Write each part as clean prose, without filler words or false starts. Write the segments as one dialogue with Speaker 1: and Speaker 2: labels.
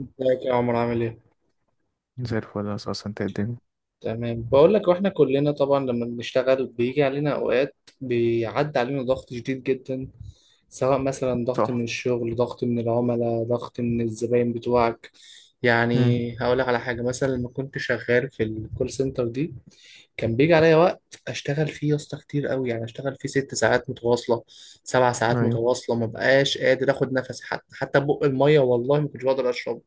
Speaker 1: ازيك يا عمر عامل ايه؟
Speaker 2: زي الفل، أساسا أنت الدنيا.
Speaker 1: تمام، بقول لك، واحنا كلنا طبعا لما بنشتغل بيجي علينا اوقات بيعدي علينا ضغط شديد جدا. سواء مثلا ضغط
Speaker 2: صح.
Speaker 1: من الشغل، ضغط من العملاء، ضغط من الزباين بتوعك.
Speaker 2: امم.
Speaker 1: يعني هقول لك على حاجة، مثلا لما كنت شغال في الكول سنتر دي، كان بيجي عليا وقت اشتغل فيه يا اسطى كتير قوي. يعني اشتغل فيه ست ساعات متواصلة، سبع ساعات
Speaker 2: أيوه.
Speaker 1: متواصلة، ما بقاش قادر اخد نفسي، حتى بق المية والله ما كنتش بقدر اشرب.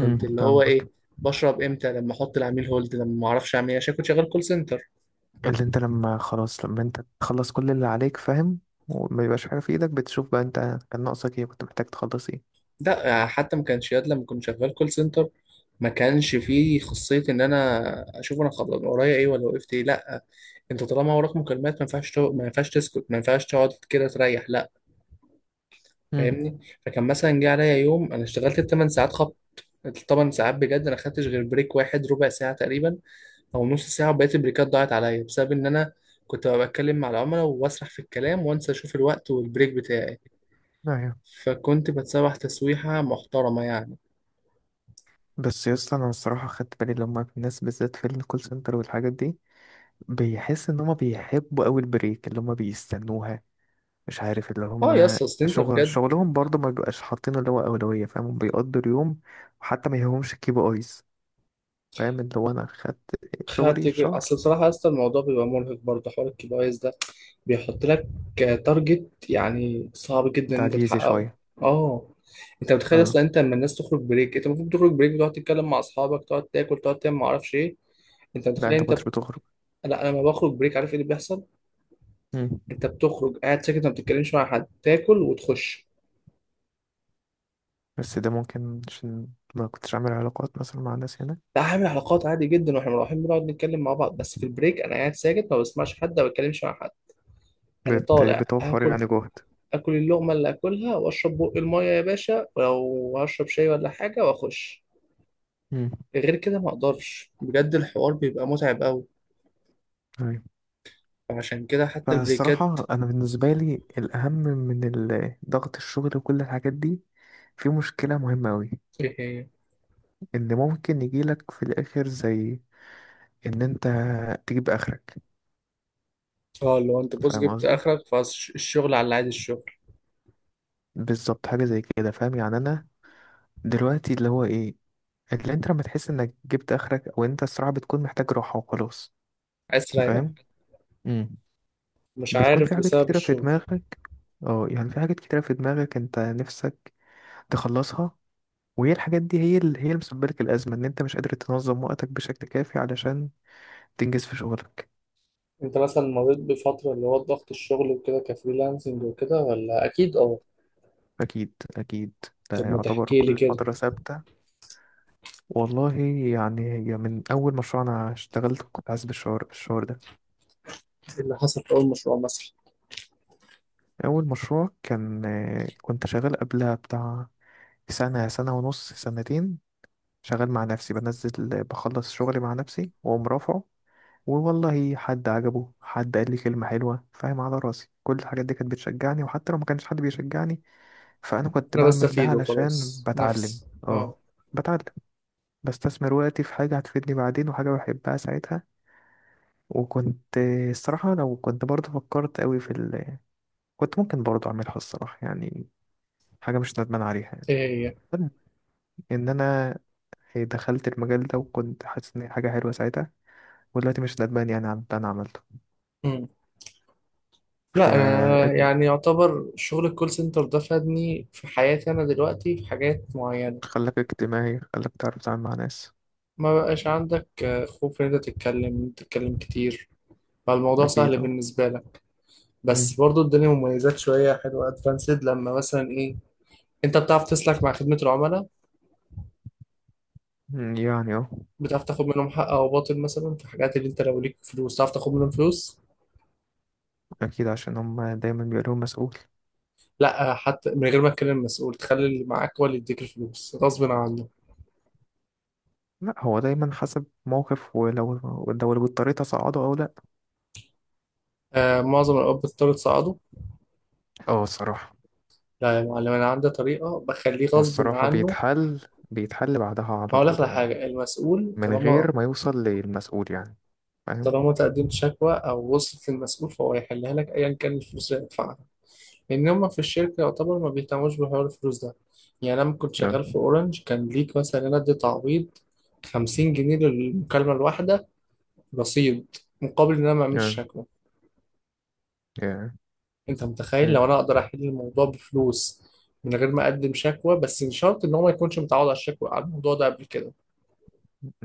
Speaker 1: اللي هو ايه،
Speaker 2: فاهمك.
Speaker 1: بشرب امتى؟ لما احط العميل هولد، لما ما اعرفش اعمل ايه، عشان كنت شغال كول سنتر.
Speaker 2: اللي أنت لما خلاص، لما أنت تخلص كل اللي عليك فاهم، وما يبقاش حاجة في إيدك، بتشوف بقى أنت كان ناقصك إيه، كنت محتاج تخلص إيه.
Speaker 1: لا حتى ما كانش ياد لما كنت شغال كول سنتر ما كانش فيه خاصية ان انا اشوف انا خلاص ورايا ايه، ولا وقفت ايه. لا، انت طالما وراك مكالمات ما ينفعش ما ينفعش تسكت، ما ينفعش تقعد كده تريح، لا.
Speaker 2: امم.
Speaker 1: فاهمني؟ فكان مثلا جه عليا يوم انا اشتغلت الثمان ساعات خبط. الثمان ساعات بجد انا خدتش غير بريك واحد ربع ساعة تقريبا او نص ساعه، وبقيت البريكات ضاعت عليا بسبب ان انا كنت ببقى بتكلم مع العملاء واسرح في الكلام وانسى اشوف الوقت والبريك بتاعي.
Speaker 2: أيوه.
Speaker 1: فكنت بتسوح تسويحه محترمه يعني.
Speaker 2: بس يا اسطى، أنا الصراحة خدت بالي لما الناس بالذات في الكول سنتر والحاجات دي، بيحس إن هما بيحبوا أوي البريك اللي هما بيستنوها. مش عارف، اللي
Speaker 1: اه يا
Speaker 2: هما
Speaker 1: اسطى اصل انت بجد.
Speaker 2: شغلهم برضه ما بيبقاش حاطين اللي هو أولوية، فاهم؟ بيقضوا اليوم وحتى ما يهمهمش الكيبي آيز، فاهم؟ اللي هو انا خدت شغلي
Speaker 1: خدت
Speaker 2: الشهر،
Speaker 1: اصل بصراحه يا اسطى، الموضوع بيبقى مرهق برضه حوار الكي بي ايز ده. بيحط لك تارجت يعني صعب جدا ان انت
Speaker 2: تعجيزي
Speaker 1: تحققه.
Speaker 2: شوية.
Speaker 1: اه، انت متخيل
Speaker 2: اه.
Speaker 1: اصلا انت لما الناس تخرج بريك انت المفروض تخرج بريك بتقعد تتكلم مع اصحابك، تقعد تاكل، تقعد تعمل ما اعرفش ايه. انت
Speaker 2: لا
Speaker 1: متخيل
Speaker 2: انت
Speaker 1: انت؟
Speaker 2: مكنتش بتخرج.
Speaker 1: لا، انا لما بخرج بريك عارف ايه اللي بيحصل؟
Speaker 2: مم.
Speaker 1: انت بتخرج قاعد ساكت، ما بتتكلمش مع حد، تاكل وتخش.
Speaker 2: بس ده ممكن عشان ما كنتش عامل علاقات مثلا مع الناس هنا.
Speaker 1: لا هعمل علاقات عادي جدا، واحنا رايحين بنقعد نتكلم مع بعض، بس في البريك انا قاعد ساكت ما بسمعش حد ما بتكلمش مع حد. انا طالع
Speaker 2: بتوفر
Speaker 1: اكل،
Speaker 2: يعني جهد.
Speaker 1: اكل اللقمه اللي اكلها واشرب بق الميه يا باشا، ولو هشرب شاي ولا حاجه واخش.
Speaker 2: مم.
Speaker 1: غير كده ما اقدرش بجد، الحوار بيبقى متعب قوي.
Speaker 2: أيوة.
Speaker 1: عشان كده حتى البريكات.
Speaker 2: فالصراحة أنا بالنسبة لي، الأهم من ضغط الشغل وكل الحاجات دي، في مشكلة مهمة أوي،
Speaker 1: ايه هي؟
Speaker 2: إن ممكن يجيلك في الآخر، زي إن أنت تجيب آخرك.
Speaker 1: اه لو انت بص
Speaker 2: فاهم
Speaker 1: جبت
Speaker 2: قصدي؟
Speaker 1: اخرك فالشغل، على عادي الشغل.
Speaker 2: بالظبط حاجة زي كده، فاهم يعني. أنا دلوقتي اللي هو إيه، اللي انت لما تحس انك جبت اخرك، او انت الصراحه بتكون محتاج راحه وخلاص،
Speaker 1: عايز تريح،
Speaker 2: فاهم. امم.
Speaker 1: مش
Speaker 2: بتكون
Speaker 1: عارف،
Speaker 2: في حاجات
Speaker 1: بسبب
Speaker 2: كتيره في
Speaker 1: الشغل.
Speaker 2: دماغك، اه، يعني في حاجات كتيره في دماغك انت نفسك تخلصها، وهي الحاجات دي هي اللي، هي اللي مسببه لك الازمه، ان انت مش قادر تنظم وقتك بشكل كافي علشان تنجز في شغلك.
Speaker 1: انت مثلا مريت بفترة اللي هو ضغط الشغل وكده كفريلانسنج وكده ولا؟ اكيد اه.
Speaker 2: اكيد، اكيد، ده
Speaker 1: طب ما
Speaker 2: يعتبر
Speaker 1: تحكي لي
Speaker 2: كل
Speaker 1: كده.
Speaker 2: فتره ثابته. والله، يعني هي من اول مشروع انا اشتغلت، كنت حاسس بالشعور ده.
Speaker 1: ايه اللي حصل في اول مشروع مثلا؟
Speaker 2: اول مشروع كان كنت شغال قبلها بتاع سنة، سنة ونص، سنتين، شغال مع نفسي، بنزل بخلص شغلي مع نفسي وأقوم رافعه. والله حد عجبه، حد قال لي كلمة حلوة، فاهم، على راسي، كل الحاجات دي كانت بتشجعني، وحتى لو ما كانش حد بيشجعني فأنا كنت
Speaker 1: انا بس
Speaker 2: بعمل ده
Speaker 1: افيد
Speaker 2: علشان
Speaker 1: وخلاص
Speaker 2: بتعلم.
Speaker 1: نفسي، اه.
Speaker 2: اه، بتعلم، بستثمر وقتي في حاجة هتفيدني بعدين، وحاجة بحبها ساعتها. وكنت الصراحة، لو كنت برضه فكرت قوي في كنت ممكن برضه أعملها الصراحة، يعني حاجة مش ندمان عليها يعني.
Speaker 1: ايه هي؟
Speaker 2: ان انا دخلت المجال ده، وكنت حاسس ان هي حاجه حلوه ساعتها، ودلوقتي مش ندمان يعني عن اللي انا عملته
Speaker 1: مم.
Speaker 2: ف
Speaker 1: لا انا يعني يعتبر شغل الكول سنتر ده فادني في حياتي. انا دلوقتي في حاجات معينة
Speaker 2: خلاك اجتماعي، خلاك تعرف تتعامل مع ناس.
Speaker 1: ما بقاش عندك خوف ان انت تتكلم، إن أنت تتكلم كتير، فالموضوع
Speaker 2: اكيد،
Speaker 1: سهل
Speaker 2: اه.
Speaker 1: بالنسبة لك. بس
Speaker 2: مم.
Speaker 1: برضو الدنيا مميزات شوية حلوة ادفانسد لما مثلا ايه، انت بتعرف تسلك مع خدمة العملاء،
Speaker 2: يعني اه.
Speaker 1: بتعرف تاخد منهم حق او باطل. مثلا في حاجات اللي انت لو ليك فلوس تعرف تاخد منهم فلوس.
Speaker 2: اكيد عشان هم دايما بيقولوا مسؤول.
Speaker 1: لا حتى من غير ما تكلم المسؤول، تخلي اللي معاك هو اللي يديك الفلوس غصب عنه.
Speaker 2: لا، هو دايما حسب موقف، لو اللي اضطريت اصعده او لا.
Speaker 1: آه، معظم الاب بتضطر تصعده.
Speaker 2: اه الصراحه.
Speaker 1: لا يا معلم، انا عندي طريقه بخليه غصب
Speaker 2: والصراحه
Speaker 1: عنه.
Speaker 2: بيتحل بعدها
Speaker 1: ما
Speaker 2: على
Speaker 1: هقول لك
Speaker 2: طول
Speaker 1: على
Speaker 2: يعني،
Speaker 1: حاجه، المسؤول
Speaker 2: من
Speaker 1: طالما
Speaker 2: غير ما يوصل للمسؤول يعني. فاهم؟
Speaker 1: طالما تقدمت شكوى او وصلت للمسؤول فهو هيحلها لك ايا كان الفلوس اللي هيدفعها. لان هم في الشركه يعتبر ما بيهتموش بحوار الفلوس ده. يعني انا لما كنت
Speaker 2: yeah.
Speaker 1: شغال في اورنج، كان ليك مثلا انا ادي تعويض 50 جنيه للمكالمه الواحده، رصيد، مقابل ان انا ما اعملش شكوى.
Speaker 2: yeah.
Speaker 1: انت متخيل
Speaker 2: yeah.
Speaker 1: لو انا اقدر احل الموضوع بفلوس من غير ما اقدم شكوى؟ بس مش شرط ان هو ما يكونش متعود على الشكوى على الموضوع ده قبل كده.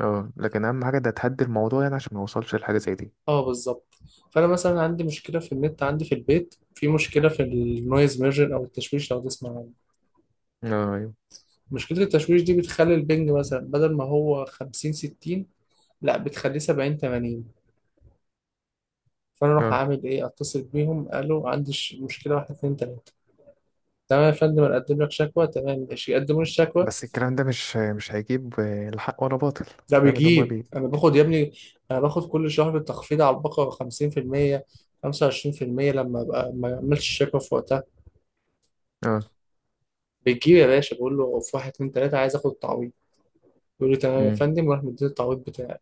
Speaker 2: اه، لكن اهم حاجه ده تهدي الموضوع يعني، عشان ما يوصلش لحاجه زي دي.
Speaker 1: اه بالظبط. فانا مثلا عندي مشكله في النت عندي في البيت، في مشكله في النويز ميرجن او التشويش لو تسمع عنه.
Speaker 2: اه، ايوه.
Speaker 1: مشكله التشويش دي بتخلي البنج مثلا بدل ما هو 50، 60، لا بتخليه 70، 80. فانا اروح
Speaker 2: اه
Speaker 1: اعمل ايه، اتصل بيهم قالوا عندي مشكله، واحد اتنين تلاته، تمام يا فندم انا اقدم لك شكوى، تمام ماشي يقدموا لي الشكوى.
Speaker 2: بس الكلام ده مش هيجيب لا حق ولا باطل.
Speaker 1: ده
Speaker 2: فاهم اللي هما
Speaker 1: بيجيب،
Speaker 2: بي
Speaker 1: انا باخد يا ابني، انا باخد كل شهر تخفيض على البقرة 50%، 25% لما ابقى ما اعملش شيك اب في وقتها.
Speaker 2: اه.
Speaker 1: بتجيب يا باشا، بقول له في واحد اتنين تلاته عايز اخد التعويض، يقول لي تمام يا
Speaker 2: امم.
Speaker 1: فندم، وراح مديني التعويض بتاعي،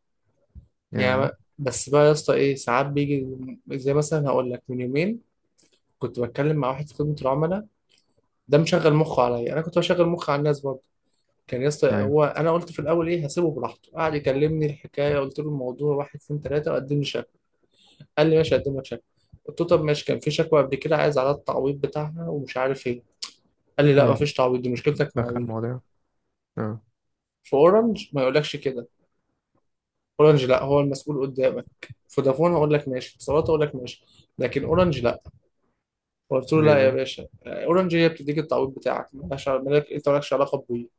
Speaker 1: يعني.
Speaker 2: يا
Speaker 1: بس بقى يا اسطى ايه ساعات بيجي، زي مثلا هقول لك من يومين، كنت بتكلم مع واحد في خدمة العملاء، ده مشغل مخه عليا، انا كنت بشغل مخي على الناس برضه. كان يا اسطى
Speaker 2: ايوه.
Speaker 1: هو انا قلت في الاول ايه، هسيبه براحته. قعد يكلمني الحكايه قلت له الموضوع واحد اتنين تلاته وقدم لي. قال لي ماشي اقدم لك شكوى. قلت له طب ماشي، كان في شكوى قبل كده عايز على التعويض بتاعها ومش عارف ايه. قال لي لا
Speaker 2: امم.
Speaker 1: مفيش تعويض، دي مشكلتك مع
Speaker 2: دخل
Speaker 1: وي.
Speaker 2: المواضيع. اه.
Speaker 1: في اورنج ما يقولكش كده. اورنج لا هو المسؤول قدامك، فودافون هقول لك ماشي، اتصالات هقول لك ماشي، لكن اورنج لا. قلت له
Speaker 2: ليه
Speaker 1: لا يا
Speaker 2: بقى؟
Speaker 1: باشا، اورنج هي بتديك التعويض بتاعك، مالهاش مالك، انت مالكش علاقه بوي.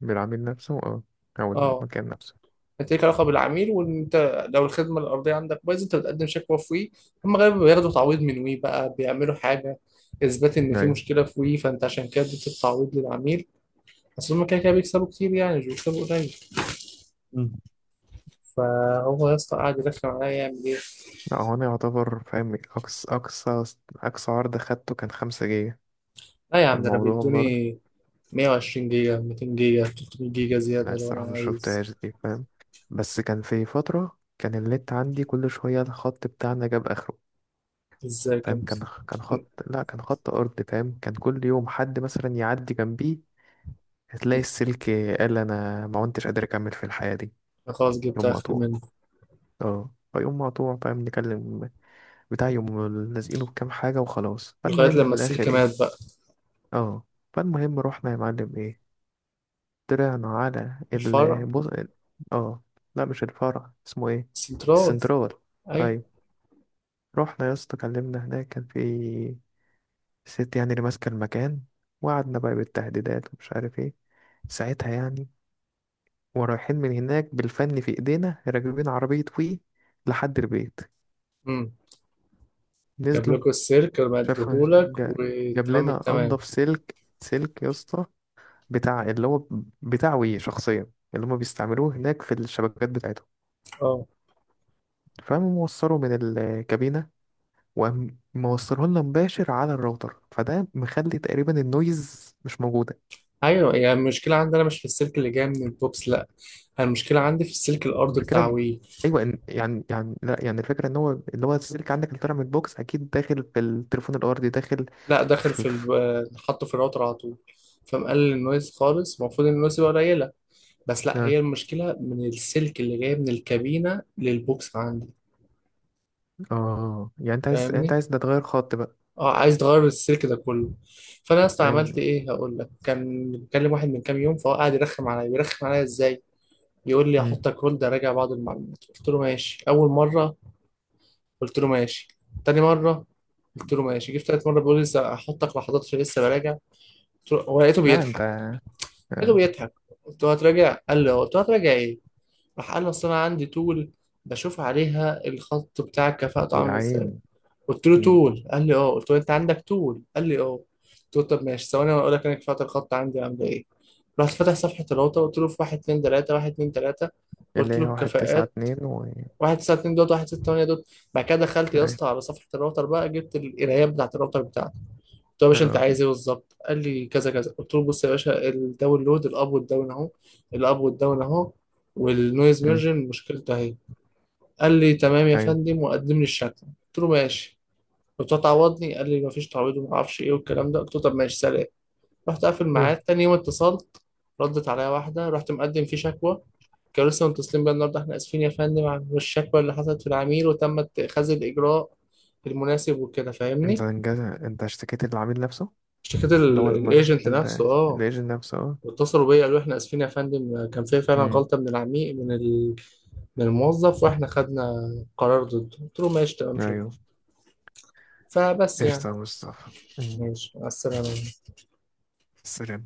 Speaker 2: بالعميل نفسه، اه. او
Speaker 1: اه،
Speaker 2: المكان نفسه.
Speaker 1: هتليك علاقه بالعميل، وان انت لو الخدمه الارضيه عندك بايظه انت بتقدم شكوى في وي، هم غالبا بياخدوا تعويض من وي، بقى بيعملوا حاجه اثبات ان في
Speaker 2: ايوه.
Speaker 1: مشكله في وي فانت عشان كده اديت التعويض للعميل. اصل هم كده كده بيكسبوا كتير يعني، مش بيكسبوا قليل.
Speaker 2: امم.
Speaker 1: فهو يا اسطى قاعد يرخم عليا يعمل ايه.
Speaker 2: لا، هو انا يعتبر فاهم، اقصى عرض خدته كان 5 جيجا.
Speaker 1: لا يا عم، ده انا
Speaker 2: فالموضوع برضه،
Speaker 1: بيدوني 120 جيجا، 200 جيجا، 300 جيجا
Speaker 2: لا،
Speaker 1: زياده لو انا
Speaker 2: الصراحة ما
Speaker 1: عايز.
Speaker 2: شفتهاش دي، فاهم. بس كان في فترة كان النت عندي كل شوية الخط بتاعنا جاب اخره،
Speaker 1: ازاي كده؟
Speaker 2: فاهم، كان خط، لا، كان خط ارض، فاهم، كان كل يوم حد مثلا يعدي جنبيه هتلاقي السلك، قال انا ما كنتش قادر اكمل في الحياة دي.
Speaker 1: أنا خلاص جبت
Speaker 2: يوم
Speaker 1: اخر
Speaker 2: مقطوع،
Speaker 1: منه
Speaker 2: اه، فيقوم مقطوع، فاهم، نكلم بتاع يوم، لازقينه بكام حاجة وخلاص.
Speaker 1: لغايه
Speaker 2: فالمهم
Speaker 1: لما
Speaker 2: في
Speaker 1: السلك
Speaker 2: الاخر
Speaker 1: مات
Speaker 2: ايه،
Speaker 1: بقى.
Speaker 2: اه، فالمهم رحنا يا معلم، ايه، طلعنا على
Speaker 1: الفرع.
Speaker 2: البص. اه. لا، مش الفرع، اسمه ايه؟
Speaker 1: السنترال.
Speaker 2: السنترال.
Speaker 1: ايوه.
Speaker 2: ايوه. رحنا يا اسطى كلمنا هناك، كان في الست يعني اللي ماسكة المكان، وقعدنا بقى بالتهديدات ومش عارف ايه ساعتها يعني. ورايحين من هناك بالفن في ايدينا، راكبين عربية وي لحد البيت،
Speaker 1: جاب
Speaker 2: نزلوا،
Speaker 1: لكم السلك وأنا
Speaker 2: شاف،
Speaker 1: بديهولك
Speaker 2: جا- جاب
Speaker 1: وتمام
Speaker 2: لنا
Speaker 1: التمام.
Speaker 2: انضف سلك، سلك يا اسطى، بتاع اللي هو بتاع وي شخصيا اللي هما بيستعملوه هناك في الشبكات بتاعتهم.
Speaker 1: اه
Speaker 2: فقام موصله من الكابينة، وقام موصله لنا مباشر على الراوتر، فده مخلي تقريبا النويز مش موجود.
Speaker 1: ايوه، يعني المشكله عندي انا مش في السلك اللي جاي من البوكس، لا. أنا المشكله عندي في السلك الارضي بتاع
Speaker 2: المشكله،
Speaker 1: وي.
Speaker 2: ايوه، إن يعني لا، يعني الفكره ان هو اللي هو السلك عندك اللي طالع من البوكس اكيد داخل في التليفون الارضي، داخل
Speaker 1: لا، داخل
Speaker 2: في,
Speaker 1: في
Speaker 2: في...
Speaker 1: ال... حطه في الراوتر على طول. فمقلل النويز خالص، المفروض إن النويز يبقى قليله، بس لا،
Speaker 2: اه.
Speaker 1: هي المشكله من السلك اللي جاي من الكابينه للبوكس عندي.
Speaker 2: اه، يعني انت
Speaker 1: فاهمني؟
Speaker 2: عايز ده تغير خط بقى.
Speaker 1: اه، عايز تغير السلك ده كله. فانا اصلا
Speaker 2: ايوه.
Speaker 1: عملت ايه، هقول لك. كان بكلم واحد من كام يوم، فهو قاعد يرخم عليا. بيرخم عليا ازاي؟ يقول لي
Speaker 2: امم.
Speaker 1: هحطك هولد راجع بعض المعلومات، قلت له ماشي، اول مره. قلت له ماشي، تاني مره. قلت له ماشي، جيت تالت مره بيقول لي لسه هحطك ما حضرتش لسه براجع. قلت له، هو لقيته
Speaker 2: لا انت.
Speaker 1: بيضحك، لقيته
Speaker 2: آه.
Speaker 1: بيضحك. قلت له هتراجع؟ قال لي اه. قلت له هتراجع ايه؟ راح قال لي اصل انا عندي طول بشوف عليها الخط بتاعك كفاءته
Speaker 2: يا
Speaker 1: عامل ازاي.
Speaker 2: عيني.
Speaker 1: قلت له
Speaker 2: مم.
Speaker 1: طول؟ قال لي اه. قلت له انت عندك طول؟ قال لي اه. قلت له طب ماشي، ثواني وانا اقول لك انا كفاءه الخط عندي عامله ايه. رحت فاتح صفحه الراوتر، قلت له في 1 2 3 1 2 3،
Speaker 2: اللي
Speaker 1: قلت له
Speaker 2: هي واحد تسعة
Speaker 1: الكفاءات
Speaker 2: اتنين .
Speaker 1: واحد تسعة اتنين دوت واحد ستة تمانية دوت. بعد كده دخلت يا اسطى
Speaker 2: ايوه.
Speaker 1: على صفحة الراوتر بقى، جبت القرايات بتاعة الراوتر بتاعتي. قلت له يا باشا أنت
Speaker 2: اه.
Speaker 1: عايز إيه بالظبط؟ قال لي كذا كذا. قلت له بص يا باشا، الداونلود، الأب والداون أهو، الأب والداون أهو، والنويز
Speaker 2: مم.
Speaker 1: ميرجن مشكلته أهي. قال لي تمام يا
Speaker 2: ايوه.
Speaker 1: فندم وقدم لي الشكوى. قلت له ماشي. قلت له تعوضني. قال لي مفيش تعويض ومعرفش إيه والكلام ده. قلت له طب ماشي سلام. رحت قافل معاه.
Speaker 2: مم.
Speaker 1: تاني يوم اتصلت، ردت عليا واحدة، رحت مقدم فيه شكوى، كانوا لسه متصلين بيا النهارده. احنا اسفين يا فندم عن الشكوى اللي حصلت في العميل وتم اتخاذ الاجراء المناسب وكده،
Speaker 2: انت
Speaker 1: فاهمني؟
Speaker 2: انجاز، انت اشتكيت العميل نفسه؟
Speaker 1: اشتكيت
Speaker 2: اللي هو
Speaker 1: الايجنت نفسه اه.
Speaker 2: الايجنت نفسه، اه.
Speaker 1: واتصلوا بيا قالوا احنا اسفين يا فندم، كان في فعلا
Speaker 2: مم.
Speaker 1: غلطة من العميل من ال... من الموظف، واحنا خدنا قرار ضده. قلت له ماشي تمام شكرا.
Speaker 2: ايوه.
Speaker 1: فبس
Speaker 2: قشطة
Speaker 1: يعني.
Speaker 2: يا مصطفى. مم.
Speaker 1: ماشي مع السلامة.
Speaker 2: سلام.